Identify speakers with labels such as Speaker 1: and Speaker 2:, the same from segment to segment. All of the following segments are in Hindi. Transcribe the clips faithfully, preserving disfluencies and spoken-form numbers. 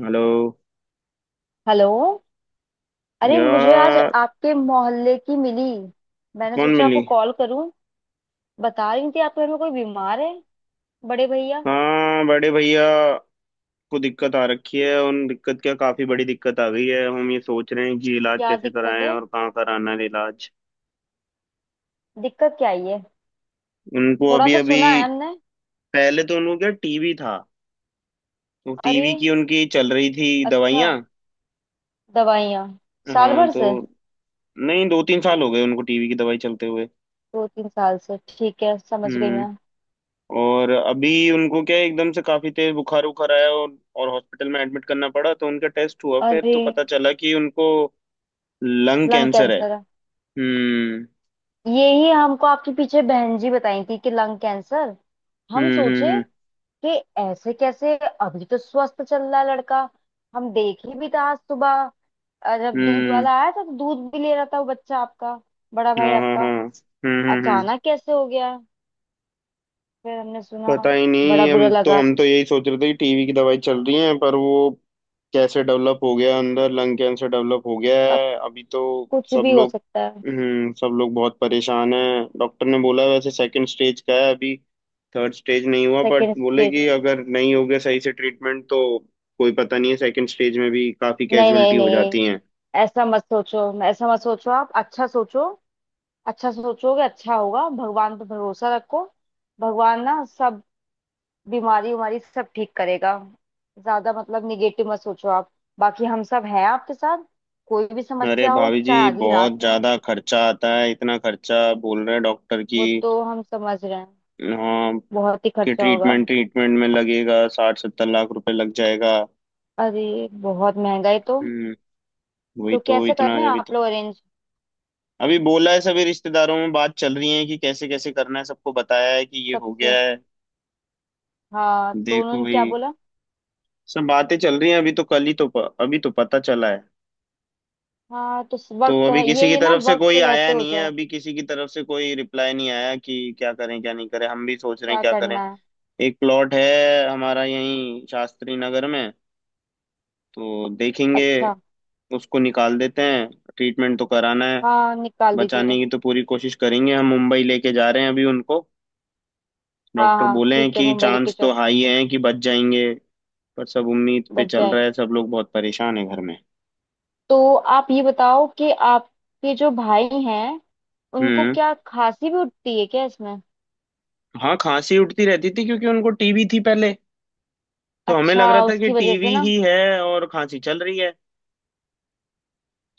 Speaker 1: हेलो।
Speaker 2: हेलो। अरे मुझे आज
Speaker 1: यार।
Speaker 2: आपके मोहल्ले की मिली। मैंने
Speaker 1: कौन
Speaker 2: सोचा
Speaker 1: मिली?
Speaker 2: आपको कॉल करूं। बता रही थी आपके घर में कोई बीमार है, बड़े भैया।
Speaker 1: हाँ, बड़े भैया को दिक्कत आ रखी है। उन दिक्कत क्या, काफी बड़ी दिक्कत आ गई है। हम ये सोच रहे हैं कि इलाज
Speaker 2: क्या
Speaker 1: कैसे
Speaker 2: दिक्कत
Speaker 1: कराएं
Speaker 2: है?
Speaker 1: और कहाँ कराना है इलाज।
Speaker 2: दिक्कत क्या आई है?
Speaker 1: उनको
Speaker 2: थोड़ा
Speaker 1: अभी
Speaker 2: तो
Speaker 1: अभी
Speaker 2: सुना है हमने।
Speaker 1: पहले तो उनको क्या टीबी था। तो
Speaker 2: अरे
Speaker 1: टीबी की उनकी चल रही थी
Speaker 2: अच्छा।
Speaker 1: दवाइयाँ।
Speaker 2: दवाइयाँ साल
Speaker 1: हाँ
Speaker 2: भर
Speaker 1: तो
Speaker 2: से?
Speaker 1: नहीं, दो तीन साल हो गए उनको टीबी की दवाई चलते हुए।
Speaker 2: दो तीन साल से, ठीक है, समझ गई
Speaker 1: हम्म।
Speaker 2: मैं।
Speaker 1: और अभी उनको क्या है, एकदम से काफी तेज बुखार उखार आया और और हॉस्पिटल में एडमिट करना पड़ा। तो उनका टेस्ट हुआ फिर
Speaker 2: अरे
Speaker 1: तो पता चला कि उनको लंग
Speaker 2: लंग
Speaker 1: कैंसर है।
Speaker 2: कैंसर है!
Speaker 1: हम्म।
Speaker 2: यही हमको आपके पीछे बहन जी बताई थी कि लंग कैंसर। हम
Speaker 1: हम्म।
Speaker 2: सोचे
Speaker 1: हम्म।
Speaker 2: कि ऐसे कैसे, अभी तो स्वस्थ चल रहा है लड़का। हम देखे भी था आज सुबह, अ,
Speaker 1: हम्म।
Speaker 2: जब दूध
Speaker 1: हम्म।
Speaker 2: वाला आया था तो दूध भी ले रहा था वो बच्चा आपका, बड़ा भाई
Speaker 1: हाँ, हाँ,
Speaker 2: आपका।
Speaker 1: हाँ। हम्म। हम्म। हम्म।
Speaker 2: अचानक कैसे हो गया? फिर हमने सुना,
Speaker 1: पता ही
Speaker 2: बड़ा
Speaker 1: नहीं।
Speaker 2: बुरा
Speaker 1: हम तो
Speaker 2: लगा।
Speaker 1: हम तो यही सोच रहे थे कि टीवी की दवाई चल रही है, पर वो कैसे डेवलप हो गया अंदर। लंग कैंसर डेवलप हो गया
Speaker 2: अब
Speaker 1: है अभी तो।
Speaker 2: कुछ
Speaker 1: सब
Speaker 2: भी हो
Speaker 1: लोग,
Speaker 2: सकता है।
Speaker 1: हम्म, सब लोग बहुत परेशान हैं। डॉक्टर ने बोला वैसे सेकंड स्टेज का है अभी, थर्ड स्टेज नहीं हुआ। बट
Speaker 2: सेकेंड
Speaker 1: बोले
Speaker 2: स्टेज
Speaker 1: कि
Speaker 2: है?
Speaker 1: अगर नहीं हो गया सही से ट्रीटमेंट तो कोई पता नहीं है। सेकंड स्टेज में भी काफी
Speaker 2: नहीं नहीं
Speaker 1: कैजुअलिटी हो
Speaker 2: नहीं,
Speaker 1: जाती हैं।
Speaker 2: ऐसा मत सोचो, ऐसा मत सोचो आप। अच्छा सोचो, अच्छा सोचोगे अच्छा होगा, भगवान पर भरोसा रखो। भगवान ना सब बीमारी उमारी सब ठीक करेगा। ज्यादा मतलब निगेटिव मत सोचो आप। बाकी हम सब हैं आपके साथ, कोई भी
Speaker 1: अरे
Speaker 2: समस्या हो
Speaker 1: भाभी जी,
Speaker 2: चाहे आधी
Speaker 1: बहुत
Speaker 2: रात में हो।
Speaker 1: ज्यादा खर्चा आता है। इतना खर्चा बोल रहे हैं डॉक्टर की।
Speaker 2: वो तो हम समझ रहे हैं,
Speaker 1: हाँ,
Speaker 2: बहुत ही
Speaker 1: कि
Speaker 2: खर्चा होगा।
Speaker 1: ट्रीटमेंट ट्रीटमेंट में लगेगा, साठ सत्तर लाख रुपए लग जाएगा।
Speaker 2: अरे बहुत महंगा है तो।
Speaker 1: हम्म। वही
Speaker 2: तो
Speaker 1: तो,
Speaker 2: कैसे कर
Speaker 1: इतना
Speaker 2: रहे हैं
Speaker 1: अभी तो।
Speaker 2: आप लोग अरेंज?
Speaker 1: अभी बोला है, सभी रिश्तेदारों में बात चल रही है कि कैसे कैसे करना है। सबको बताया है कि ये हो
Speaker 2: सबसे?
Speaker 1: गया है।
Speaker 2: हाँ, तो
Speaker 1: देखो
Speaker 2: उन्होंने क्या
Speaker 1: भाई,
Speaker 2: बोला?
Speaker 1: सब बातें चल रही हैं। अभी तो कल ही तो प, अभी तो पता चला है।
Speaker 2: हाँ, तो स-
Speaker 1: तो
Speaker 2: वक्त तो
Speaker 1: अभी
Speaker 2: है, ये
Speaker 1: किसी की
Speaker 2: ये ना
Speaker 1: तरफ से
Speaker 2: वक्त
Speaker 1: कोई
Speaker 2: रहते
Speaker 1: आया
Speaker 2: हो
Speaker 1: नहीं है,
Speaker 2: जाए।
Speaker 1: अभी किसी की तरफ से कोई रिप्लाई नहीं आया कि क्या करें क्या नहीं करें। हम भी सोच रहे हैं
Speaker 2: क्या
Speaker 1: क्या करें।
Speaker 2: करना है?
Speaker 1: एक प्लॉट है हमारा यहीं शास्त्री नगर में, तो देखेंगे,
Speaker 2: अच्छा।
Speaker 1: उसको निकाल देते हैं। ट्रीटमेंट तो कराना है।
Speaker 2: हाँ, निकाल
Speaker 1: बचाने
Speaker 2: दीजिए।
Speaker 1: की तो पूरी कोशिश करेंगे। हम मुंबई लेके जा रहे हैं अभी उनको।
Speaker 2: हाँ
Speaker 1: डॉक्टर
Speaker 2: हाँ
Speaker 1: बोले हैं
Speaker 2: ठीक है,
Speaker 1: कि
Speaker 2: मुंबई लेके
Speaker 1: चांस तो
Speaker 2: जाओ।
Speaker 1: हाई है कि बच जाएंगे। पर सब उम्मीद पे
Speaker 2: बच
Speaker 1: चल रहा
Speaker 2: जाएंगे।
Speaker 1: है। सब लोग बहुत परेशान है घर में।
Speaker 2: तो आप ये बताओ कि आपके जो भाई हैं, उनको
Speaker 1: हम्म।
Speaker 2: क्या खांसी भी उठती है क्या इसमें?
Speaker 1: हाँ, खांसी उठती रहती थी क्योंकि उनको टीबी थी पहले। तो हमें
Speaker 2: अच्छा,
Speaker 1: लग रहा था कि
Speaker 2: उसकी वजह से
Speaker 1: टीबी
Speaker 2: ना।
Speaker 1: ही है और खांसी चल रही है।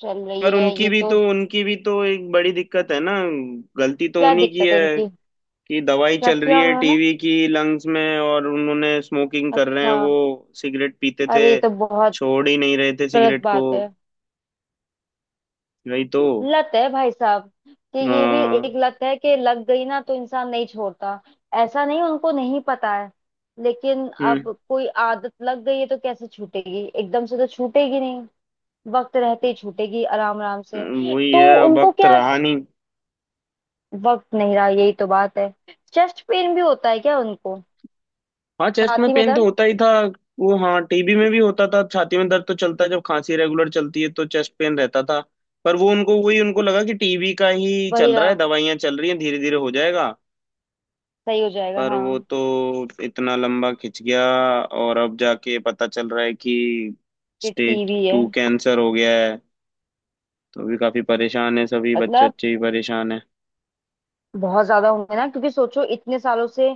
Speaker 2: चल रही
Speaker 1: पर
Speaker 2: है
Speaker 1: उनकी
Speaker 2: ये
Speaker 1: भी
Speaker 2: तो।
Speaker 1: तो उनकी भी तो एक बड़ी दिक्कत है ना, गलती तो
Speaker 2: क्या
Speaker 1: उन्हीं की
Speaker 2: दिक्कत है
Speaker 1: है।
Speaker 2: उनकी?
Speaker 1: कि दवाई
Speaker 2: क्या
Speaker 1: चल रही
Speaker 2: किया
Speaker 1: है
Speaker 2: उन्होंने?
Speaker 1: टीवी की लंग्स में और उन्होंने स्मोकिंग कर रहे हैं,
Speaker 2: अच्छा,
Speaker 1: वो सिगरेट पीते थे।
Speaker 2: अरे ये तो बहुत
Speaker 1: छोड़ ही नहीं रहे थे
Speaker 2: गलत
Speaker 1: सिगरेट को।
Speaker 2: बात है।
Speaker 1: वही तो।
Speaker 2: लत है भाई साहब, कि ये भी
Speaker 1: आ,
Speaker 2: एक लत है कि लग गई ना तो इंसान नहीं छोड़ता। ऐसा नहीं उनको नहीं पता है, लेकिन
Speaker 1: हम्म।
Speaker 2: अब कोई आदत लग गई है तो कैसे छूटेगी, एकदम से तो छूटेगी नहीं। वक्त रहते ही छूटेगी, आराम आराम से।
Speaker 1: वही
Speaker 2: तो
Speaker 1: है,
Speaker 2: उनको
Speaker 1: वक्त
Speaker 2: क्या,
Speaker 1: रहा नहीं।
Speaker 2: वक्त नहीं रहा यही तो बात है। चेस्ट पेन भी होता है क्या उनको?
Speaker 1: हाँ, चेस्ट में
Speaker 2: छाती में
Speaker 1: पेन तो
Speaker 2: दर्द।
Speaker 1: होता ही था। वो हाँ, टीबी में भी होता था छाती में दर्द। तो चलता है जब खांसी रेगुलर चलती है तो चेस्ट पेन रहता था। पर वो उनको वही उनको लगा कि टीबी का ही
Speaker 2: वही
Speaker 1: चल रहा
Speaker 2: रहा।
Speaker 1: है, दवाइयां चल रही हैं धीरे धीरे हो जाएगा।
Speaker 2: सही हो जाएगा
Speaker 1: पर वो
Speaker 2: हाँ।
Speaker 1: तो इतना लंबा खिंच गया और अब जाके पता चल रहा है कि
Speaker 2: कि
Speaker 1: स्टेज
Speaker 2: टीवी है।
Speaker 1: टू कैंसर हो गया है। तो अभी काफी परेशान है, सभी बच्चे
Speaker 2: मतलब
Speaker 1: बच्चे ही परेशान है।
Speaker 2: बहुत ज्यादा होंगे ना, क्योंकि सोचो इतने सालों से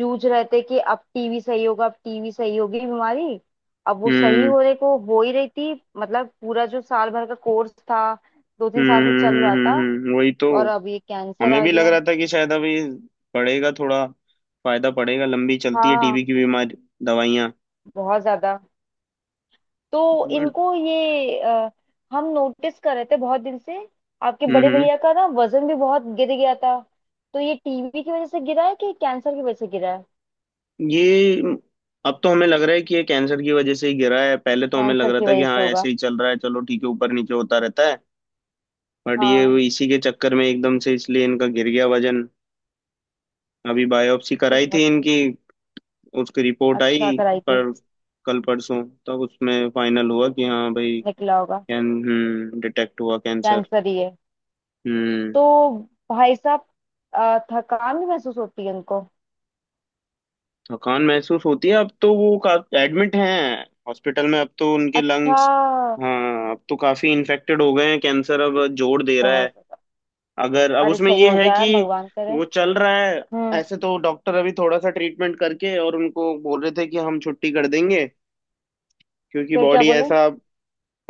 Speaker 2: जूझ रहे थे कि अब टीवी सही होगा, अब टीवी सही होगी बीमारी। अब वो सही
Speaker 1: हम्म।
Speaker 2: होने को हो ही रही थी, मतलब पूरा जो साल भर का कोर्स था, दो तीन
Speaker 1: हम्म।
Speaker 2: साल से चल
Speaker 1: हम्म।
Speaker 2: रहा
Speaker 1: हम्म,
Speaker 2: था।
Speaker 1: हम्म, हम्म, वही तो।
Speaker 2: और अब ये कैंसर
Speaker 1: हमें
Speaker 2: आ
Speaker 1: भी लग
Speaker 2: गया।
Speaker 1: रहा था कि शायद अभी पड़ेगा थोड़ा फायदा, पड़ेगा, लंबी चलती है
Speaker 2: हाँ,
Speaker 1: टीबी की बीमारी दवाइयाँ।
Speaker 2: बहुत ज्यादा। तो
Speaker 1: बट
Speaker 2: इनको ये अ, हम नोटिस कर रहे थे बहुत दिन से, आपके
Speaker 1: हम्म
Speaker 2: बड़े
Speaker 1: हम्म,
Speaker 2: भैया का ना वजन भी बहुत गिर गया था। तो ये टीवी की वजह से गिरा है कि कैंसर की वजह से गिरा है?
Speaker 1: ये अब तो हमें लग रहा है कि ये कैंसर की वजह से ही गिरा है। पहले तो हमें लग
Speaker 2: कैंसर
Speaker 1: रहा
Speaker 2: की
Speaker 1: था कि
Speaker 2: वजह
Speaker 1: हाँ
Speaker 2: से होगा।
Speaker 1: ऐसे ही चल रहा है, चलो ठीक है, ऊपर नीचे होता रहता है। बट ये वो
Speaker 2: हाँ।
Speaker 1: इसी के चक्कर में एकदम से इसलिए इनका गिर गया वजन। अभी बायोप्सी
Speaker 2: तो
Speaker 1: कराई
Speaker 2: बहुत।
Speaker 1: थी इनकी, उसकी रिपोर्ट
Speaker 2: अच्छा,
Speaker 1: आई।
Speaker 2: कराई थी।
Speaker 1: पर कल परसों तब उसमें फाइनल हुआ कि हाँ भाई,
Speaker 2: निकला होगा।
Speaker 1: कैन हम्म डिटेक्ट हुआ कैंसर।
Speaker 2: कैंसर ही है।
Speaker 1: हम्म।
Speaker 2: तो भाई साहब, अ, थकान भी महसूस होती है उनको?
Speaker 1: थकान महसूस होती है अब तो। वो का एडमिट हैं हॉस्पिटल में। अब तो उनके
Speaker 2: अच्छा,
Speaker 1: लंग्स, हाँ, अब तो काफी इन्फेक्टेड हो गए हैं, कैंसर अब जोर दे रहा
Speaker 2: बहुत
Speaker 1: है।
Speaker 2: ज्यादा।
Speaker 1: अगर अब
Speaker 2: अरे
Speaker 1: उसमें
Speaker 2: सही
Speaker 1: ये
Speaker 2: हो
Speaker 1: है
Speaker 2: जाए
Speaker 1: कि
Speaker 2: भगवान करे।
Speaker 1: वो चल रहा है।
Speaker 2: हम्म।
Speaker 1: ऐसे तो डॉक्टर अभी थोड़ा सा ट्रीटमेंट करके और उनको बोल रहे थे कि हम छुट्टी कर देंगे, क्योंकि
Speaker 2: फिर क्या
Speaker 1: बॉडी
Speaker 2: बोले?
Speaker 1: ऐसा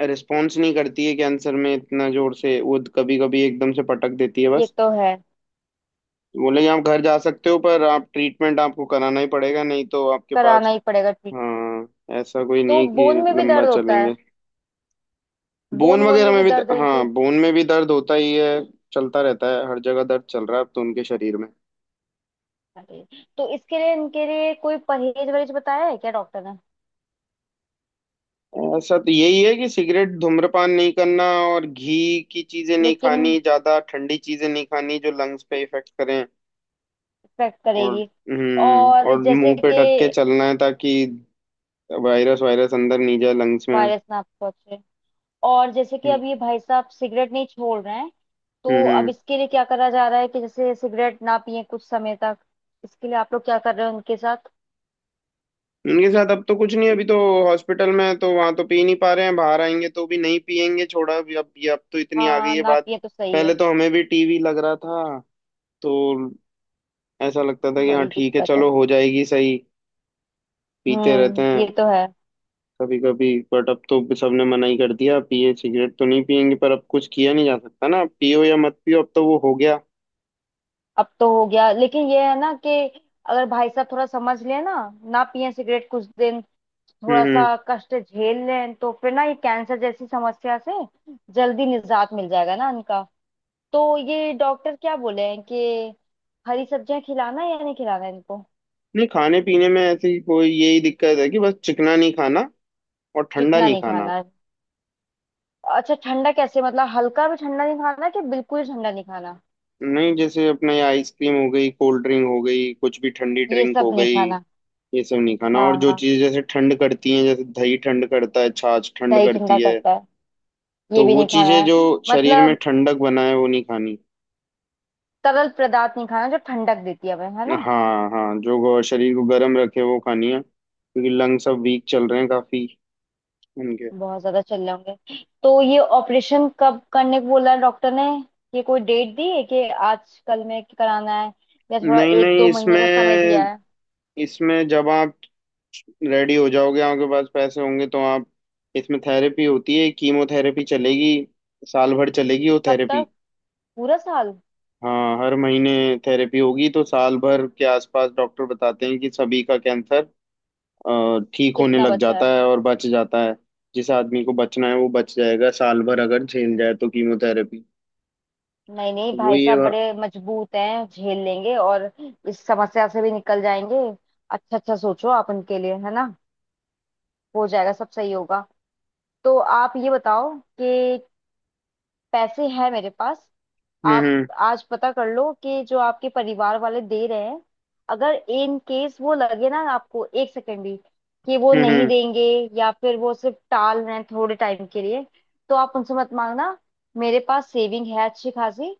Speaker 1: रिस्पॉन्स नहीं करती है कैंसर में इतना जोर से, वो कभी कभी एकदम से पटक देती है
Speaker 2: ये
Speaker 1: बस।
Speaker 2: तो है।
Speaker 1: बोले कि आप घर जा सकते हो, पर आप ट्रीटमेंट आपको कराना ही पड़ेगा, नहीं तो आपके
Speaker 2: कराना
Speaker 1: पास।
Speaker 2: ही पड़ेगा ट्रीटमेंट।
Speaker 1: हाँ, ऐसा कोई नहीं
Speaker 2: तो
Speaker 1: है कि
Speaker 2: बोन में भी
Speaker 1: लंबा
Speaker 2: दर्द होता
Speaker 1: चलेंगे।
Speaker 2: है? बोन
Speaker 1: बोन
Speaker 2: वोन
Speaker 1: वगैरह
Speaker 2: में भी
Speaker 1: में भी।
Speaker 2: दर्द है
Speaker 1: हाँ,
Speaker 2: इनकी?
Speaker 1: बोन में भी दर्द होता ही है, चलता रहता है, हर जगह दर्द चल रहा है अब तो उनके शरीर में।
Speaker 2: अरे। तो इसके लिए, इनके लिए कोई परहेज वरहेज बताया है क्या डॉक्टर ने?
Speaker 1: ऐसा तो यही है कि सिगरेट धूम्रपान नहीं करना और घी की चीजें नहीं
Speaker 2: लेकिन
Speaker 1: खानी, ज्यादा ठंडी चीजें नहीं खानी, जो लंग्स पे इफेक्ट करें।
Speaker 2: इफेक्ट
Speaker 1: और
Speaker 2: करेगी।
Speaker 1: हम्म
Speaker 2: और
Speaker 1: और
Speaker 2: जैसे
Speaker 1: मुंह पे ढक के
Speaker 2: कि
Speaker 1: चलना है ताकि वायरस वायरस अंदर नहीं जाए लंग्स में।
Speaker 2: वायरस ना पहुंचे। और जैसे कि
Speaker 1: हम्म।
Speaker 2: अब ये भाई साहब सिगरेट नहीं छोड़ रहे हैं, तो
Speaker 1: हम्म।
Speaker 2: अब
Speaker 1: हम्म।
Speaker 2: इसके लिए क्या करा जा रहा है कि जैसे सिगरेट ना पिए कुछ समय तक? इसके लिए आप लोग क्या कर रहे हो उनके साथ?
Speaker 1: उनके साथ अब तो कुछ नहीं, अभी तो हॉस्पिटल में है तो वहां तो पी नहीं पा रहे हैं। बाहर आएंगे तो भी नहीं पियेंगे, छोड़ा अभी अब। ये अब तो इतनी आ गई
Speaker 2: हाँ
Speaker 1: है
Speaker 2: ना
Speaker 1: बात।
Speaker 2: पिए तो सही
Speaker 1: पहले
Speaker 2: है।
Speaker 1: तो हमें भी टीवी लग रहा था तो ऐसा लगता था कि हाँ
Speaker 2: बड़ी
Speaker 1: ठीक है,
Speaker 2: दिक्कत
Speaker 1: चलो
Speaker 2: है।
Speaker 1: हो जाएगी सही, पीते रहते
Speaker 2: हम्म, ये
Speaker 1: हैं
Speaker 2: तो है।
Speaker 1: कभी कभी। बट अब तो सबने मना ही कर दिया, पिए, सिगरेट तो नहीं पियेंगे पर अब कुछ किया नहीं जा सकता ना। अब पियो या मत पियो, अब तो वो हो गया।
Speaker 2: अब तो हो गया, लेकिन ये है ना कि अगर भाई साहब थोड़ा समझ लें ना, ना पिए सिगरेट कुछ दिन, थोड़ा
Speaker 1: हम्म।
Speaker 2: सा
Speaker 1: हम्म।
Speaker 2: कष्ट झेल लें तो फिर ना ये कैंसर जैसी समस्या से जल्दी निजात मिल जाएगा ना इनका। तो ये डॉक्टर क्या बोले हैं कि हरी सब्जियां खिलाना है या नहीं खिलाना है इनको?
Speaker 1: नहीं, खाने पीने में ऐसी कोई यही दिक्कत है कि बस चिकना नहीं खाना और ठंडा
Speaker 2: चिकना
Speaker 1: नहीं
Speaker 2: नहीं
Speaker 1: खाना।
Speaker 2: खाना है? अच्छा, ठंडा कैसे, मतलब हल्का भी ठंडा नहीं खाना कि बिल्कुल ही ठंडा नहीं खाना?
Speaker 1: नहीं, जैसे अपने ये आइसक्रीम हो गई, कोल्ड ड्रिंक हो गई, कुछ भी ठंडी
Speaker 2: ये
Speaker 1: ड्रिंक
Speaker 2: सब
Speaker 1: हो
Speaker 2: नहीं
Speaker 1: गई,
Speaker 2: खाना।
Speaker 1: ये सब नहीं खाना। और
Speaker 2: हाँ
Speaker 1: जो
Speaker 2: हाँ,
Speaker 1: चीज़ जैसे ठंड करती हैं, जैसे दही ठंड करता है, छाछ ठंड
Speaker 2: दही ठंडा
Speaker 1: करती है,
Speaker 2: करता है। ये
Speaker 1: तो
Speaker 2: भी
Speaker 1: वो
Speaker 2: नहीं खाना
Speaker 1: चीज़ें जो
Speaker 2: है
Speaker 1: शरीर में
Speaker 2: मतलब,
Speaker 1: ठंडक बनाए वो नहीं खानी।
Speaker 2: तरल पदार्थ नहीं खाना जो ठंडक देती है हमें है ना।
Speaker 1: हाँ हाँ, जो गो- शरीर को गर्म रखे वो खानी है, क्योंकि लंग्स अब वीक चल रहे हैं काफी उनके।
Speaker 2: बहुत ज्यादा चल रहे होंगे। तो ये ऑपरेशन कब करने को बोला है डॉक्टर ने? ये कोई डेट दी है कि आज कल में कराना है या थोड़ा
Speaker 1: नहीं
Speaker 2: एक
Speaker 1: नहीं,
Speaker 2: दो महीने का समय
Speaker 1: इसमें,
Speaker 2: दिया है?
Speaker 1: इसमें जब आप रेडी हो जाओगे, आपके पास पैसे होंगे, तो आप, इसमें थेरेपी होती है, कीमोथेरेपी चलेगी। साल भर चलेगी वो
Speaker 2: कब
Speaker 1: थेरेपी।
Speaker 2: तक? पूरा साल?
Speaker 1: हाँ, हर महीने थेरेपी होगी। तो साल भर के आसपास डॉक्टर बताते हैं कि सभी का कैंसर अ, ठीक होने
Speaker 2: कितना
Speaker 1: लग
Speaker 2: बचा है?
Speaker 1: जाता है और बच जाता है। जिस आदमी को बचना है वो बच जाएगा, साल भर अगर झेल जाए तो कीमोथेरेपी।
Speaker 2: नहीं नहीं भाई
Speaker 1: वही है
Speaker 2: साहब
Speaker 1: बा-
Speaker 2: बड़े मजबूत हैं, झेल लेंगे, और इस समस्या से भी निकल जाएंगे। अच्छा अच्छा सोचो आप उनके लिए है ना, हो जाएगा, सब सही होगा। तो आप ये बताओ कि पैसे हैं मेरे पास। आप
Speaker 1: हम्म।
Speaker 2: आज पता कर लो कि जो आपके परिवार वाले दे रहे हैं, अगर इन केस वो लगे ना आपको एक सेकंड भी कि वो
Speaker 1: हम्म।
Speaker 2: नहीं
Speaker 1: हम्म।
Speaker 2: देंगे या फिर वो सिर्फ टाल रहे हैं थोड़े टाइम के लिए, तो आप उनसे मत मांगना। मेरे पास सेविंग है अच्छी खासी,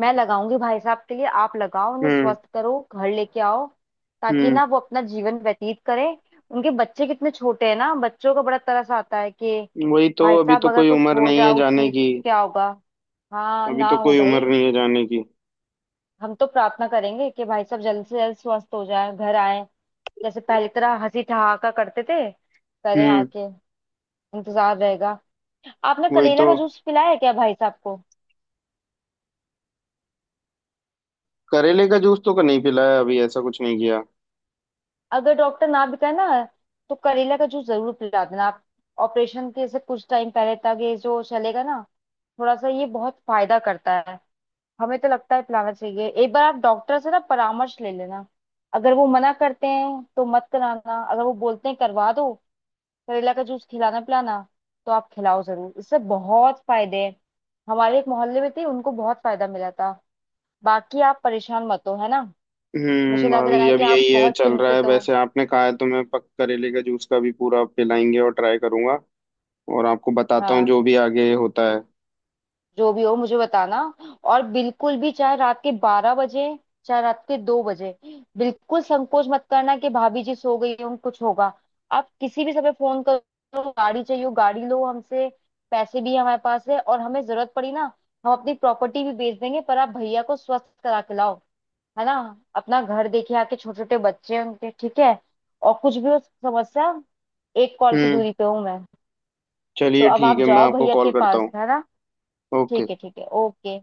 Speaker 2: मैं लगाऊंगी भाई साहब के लिए, आप लगाओ उन्हें
Speaker 1: हम्म।
Speaker 2: स्वस्थ करो घर लेके आओ, ताकि
Speaker 1: हम्म।
Speaker 2: ना वो अपना जीवन व्यतीत करें। उनके बच्चे कितने छोटे हैं ना, बच्चों का बड़ा तरस आता है कि
Speaker 1: हम्म। वही तो,
Speaker 2: भाई
Speaker 1: अभी
Speaker 2: साहब
Speaker 1: तो
Speaker 2: अगर
Speaker 1: कोई
Speaker 2: कुछ
Speaker 1: उम्र
Speaker 2: हो
Speaker 1: नहीं
Speaker 2: जाए
Speaker 1: है
Speaker 2: ऊंच
Speaker 1: जाने
Speaker 2: नीच,
Speaker 1: की।
Speaker 2: क्या होगा? हाँ
Speaker 1: अभी
Speaker 2: ना
Speaker 1: तो
Speaker 2: हो
Speaker 1: कोई उम्र
Speaker 2: भाई।
Speaker 1: नहीं है जाने की।
Speaker 2: हम तो प्रार्थना करेंगे कि भाई साहब जल्द से जल्द स्वस्थ हो जाए घर आए, जैसे पहले की तरह हंसी ठहाका करते थे, करें
Speaker 1: हम्म,
Speaker 2: आके। इंतजार रहेगा। आपने
Speaker 1: वही
Speaker 2: करेला
Speaker 1: तो।
Speaker 2: का जूस पिलाया है क्या भाई साहब को?
Speaker 1: करेले का जूस तो क- नहीं पिलाया अभी, ऐसा कुछ नहीं किया।
Speaker 2: अगर डॉक्टर ना भी कहे ना, तो करेला का जूस जरूर पिला देना आप। ऑपरेशन के से कुछ टाइम पहले तक ये जो चलेगा ना, थोड़ा सा, ये बहुत फायदा करता है। हमें तो लगता है पिलाना चाहिए। एक बार आप डॉक्टर से ना परामर्श ले लेना, अगर वो मना करते हैं तो मत कराना, अगर वो बोलते हैं करवा दो करेला का जूस, खिलाना पिलाना, तो आप खिलाओ जरूर, इससे बहुत फायदे हैं। हमारे एक मोहल्ले में थी, उनको बहुत फायदा मिला था। बाकी आप परेशान मत हो है ना। मुझे
Speaker 1: हम्म,
Speaker 2: लग
Speaker 1: भाभी
Speaker 2: रहा
Speaker 1: जी,
Speaker 2: है
Speaker 1: अब
Speaker 2: कि आप
Speaker 1: यही है
Speaker 2: बहुत
Speaker 1: चल रहा है।
Speaker 2: चिंतित हो।
Speaker 1: वैसे आपने कहा है तो मैं पक करेले का जूस का भी पूरा पिलाएंगे और ट्राई करूंगा, और आपको बताता हूँ
Speaker 2: हाँ,
Speaker 1: जो भी आगे होता है।
Speaker 2: जो भी हो मुझे बताना, और बिल्कुल भी चाहे रात के बारह बजे चाहे रात के दो बजे, बिल्कुल संकोच मत करना कि भाभी जी सो गई हों कुछ होगा। आप किसी भी समय फोन करो, गाड़ी चाहिए हो गाड़ी लो हमसे। पैसे भी हमारे पास है, और हमें जरूरत पड़ी ना हम अपनी प्रॉपर्टी भी बेच देंगे, पर आप भैया को स्वस्थ करा के लाओ, है ना। अपना घर देखे आके, छोटे छोटे बच्चे हैं उनके, ठीक है। और कुछ भी हो समस्या, एक कॉल की
Speaker 1: हम्म।
Speaker 2: दूरी पे हूँ मैं। तो
Speaker 1: चलिए
Speaker 2: अब
Speaker 1: ठीक
Speaker 2: आप
Speaker 1: है, मैं
Speaker 2: जाओ
Speaker 1: आपको
Speaker 2: भैया के
Speaker 1: कॉल करता
Speaker 2: पास
Speaker 1: हूँ।
Speaker 2: है ना।
Speaker 1: ओके।
Speaker 2: ठीक है ठीक है ओके।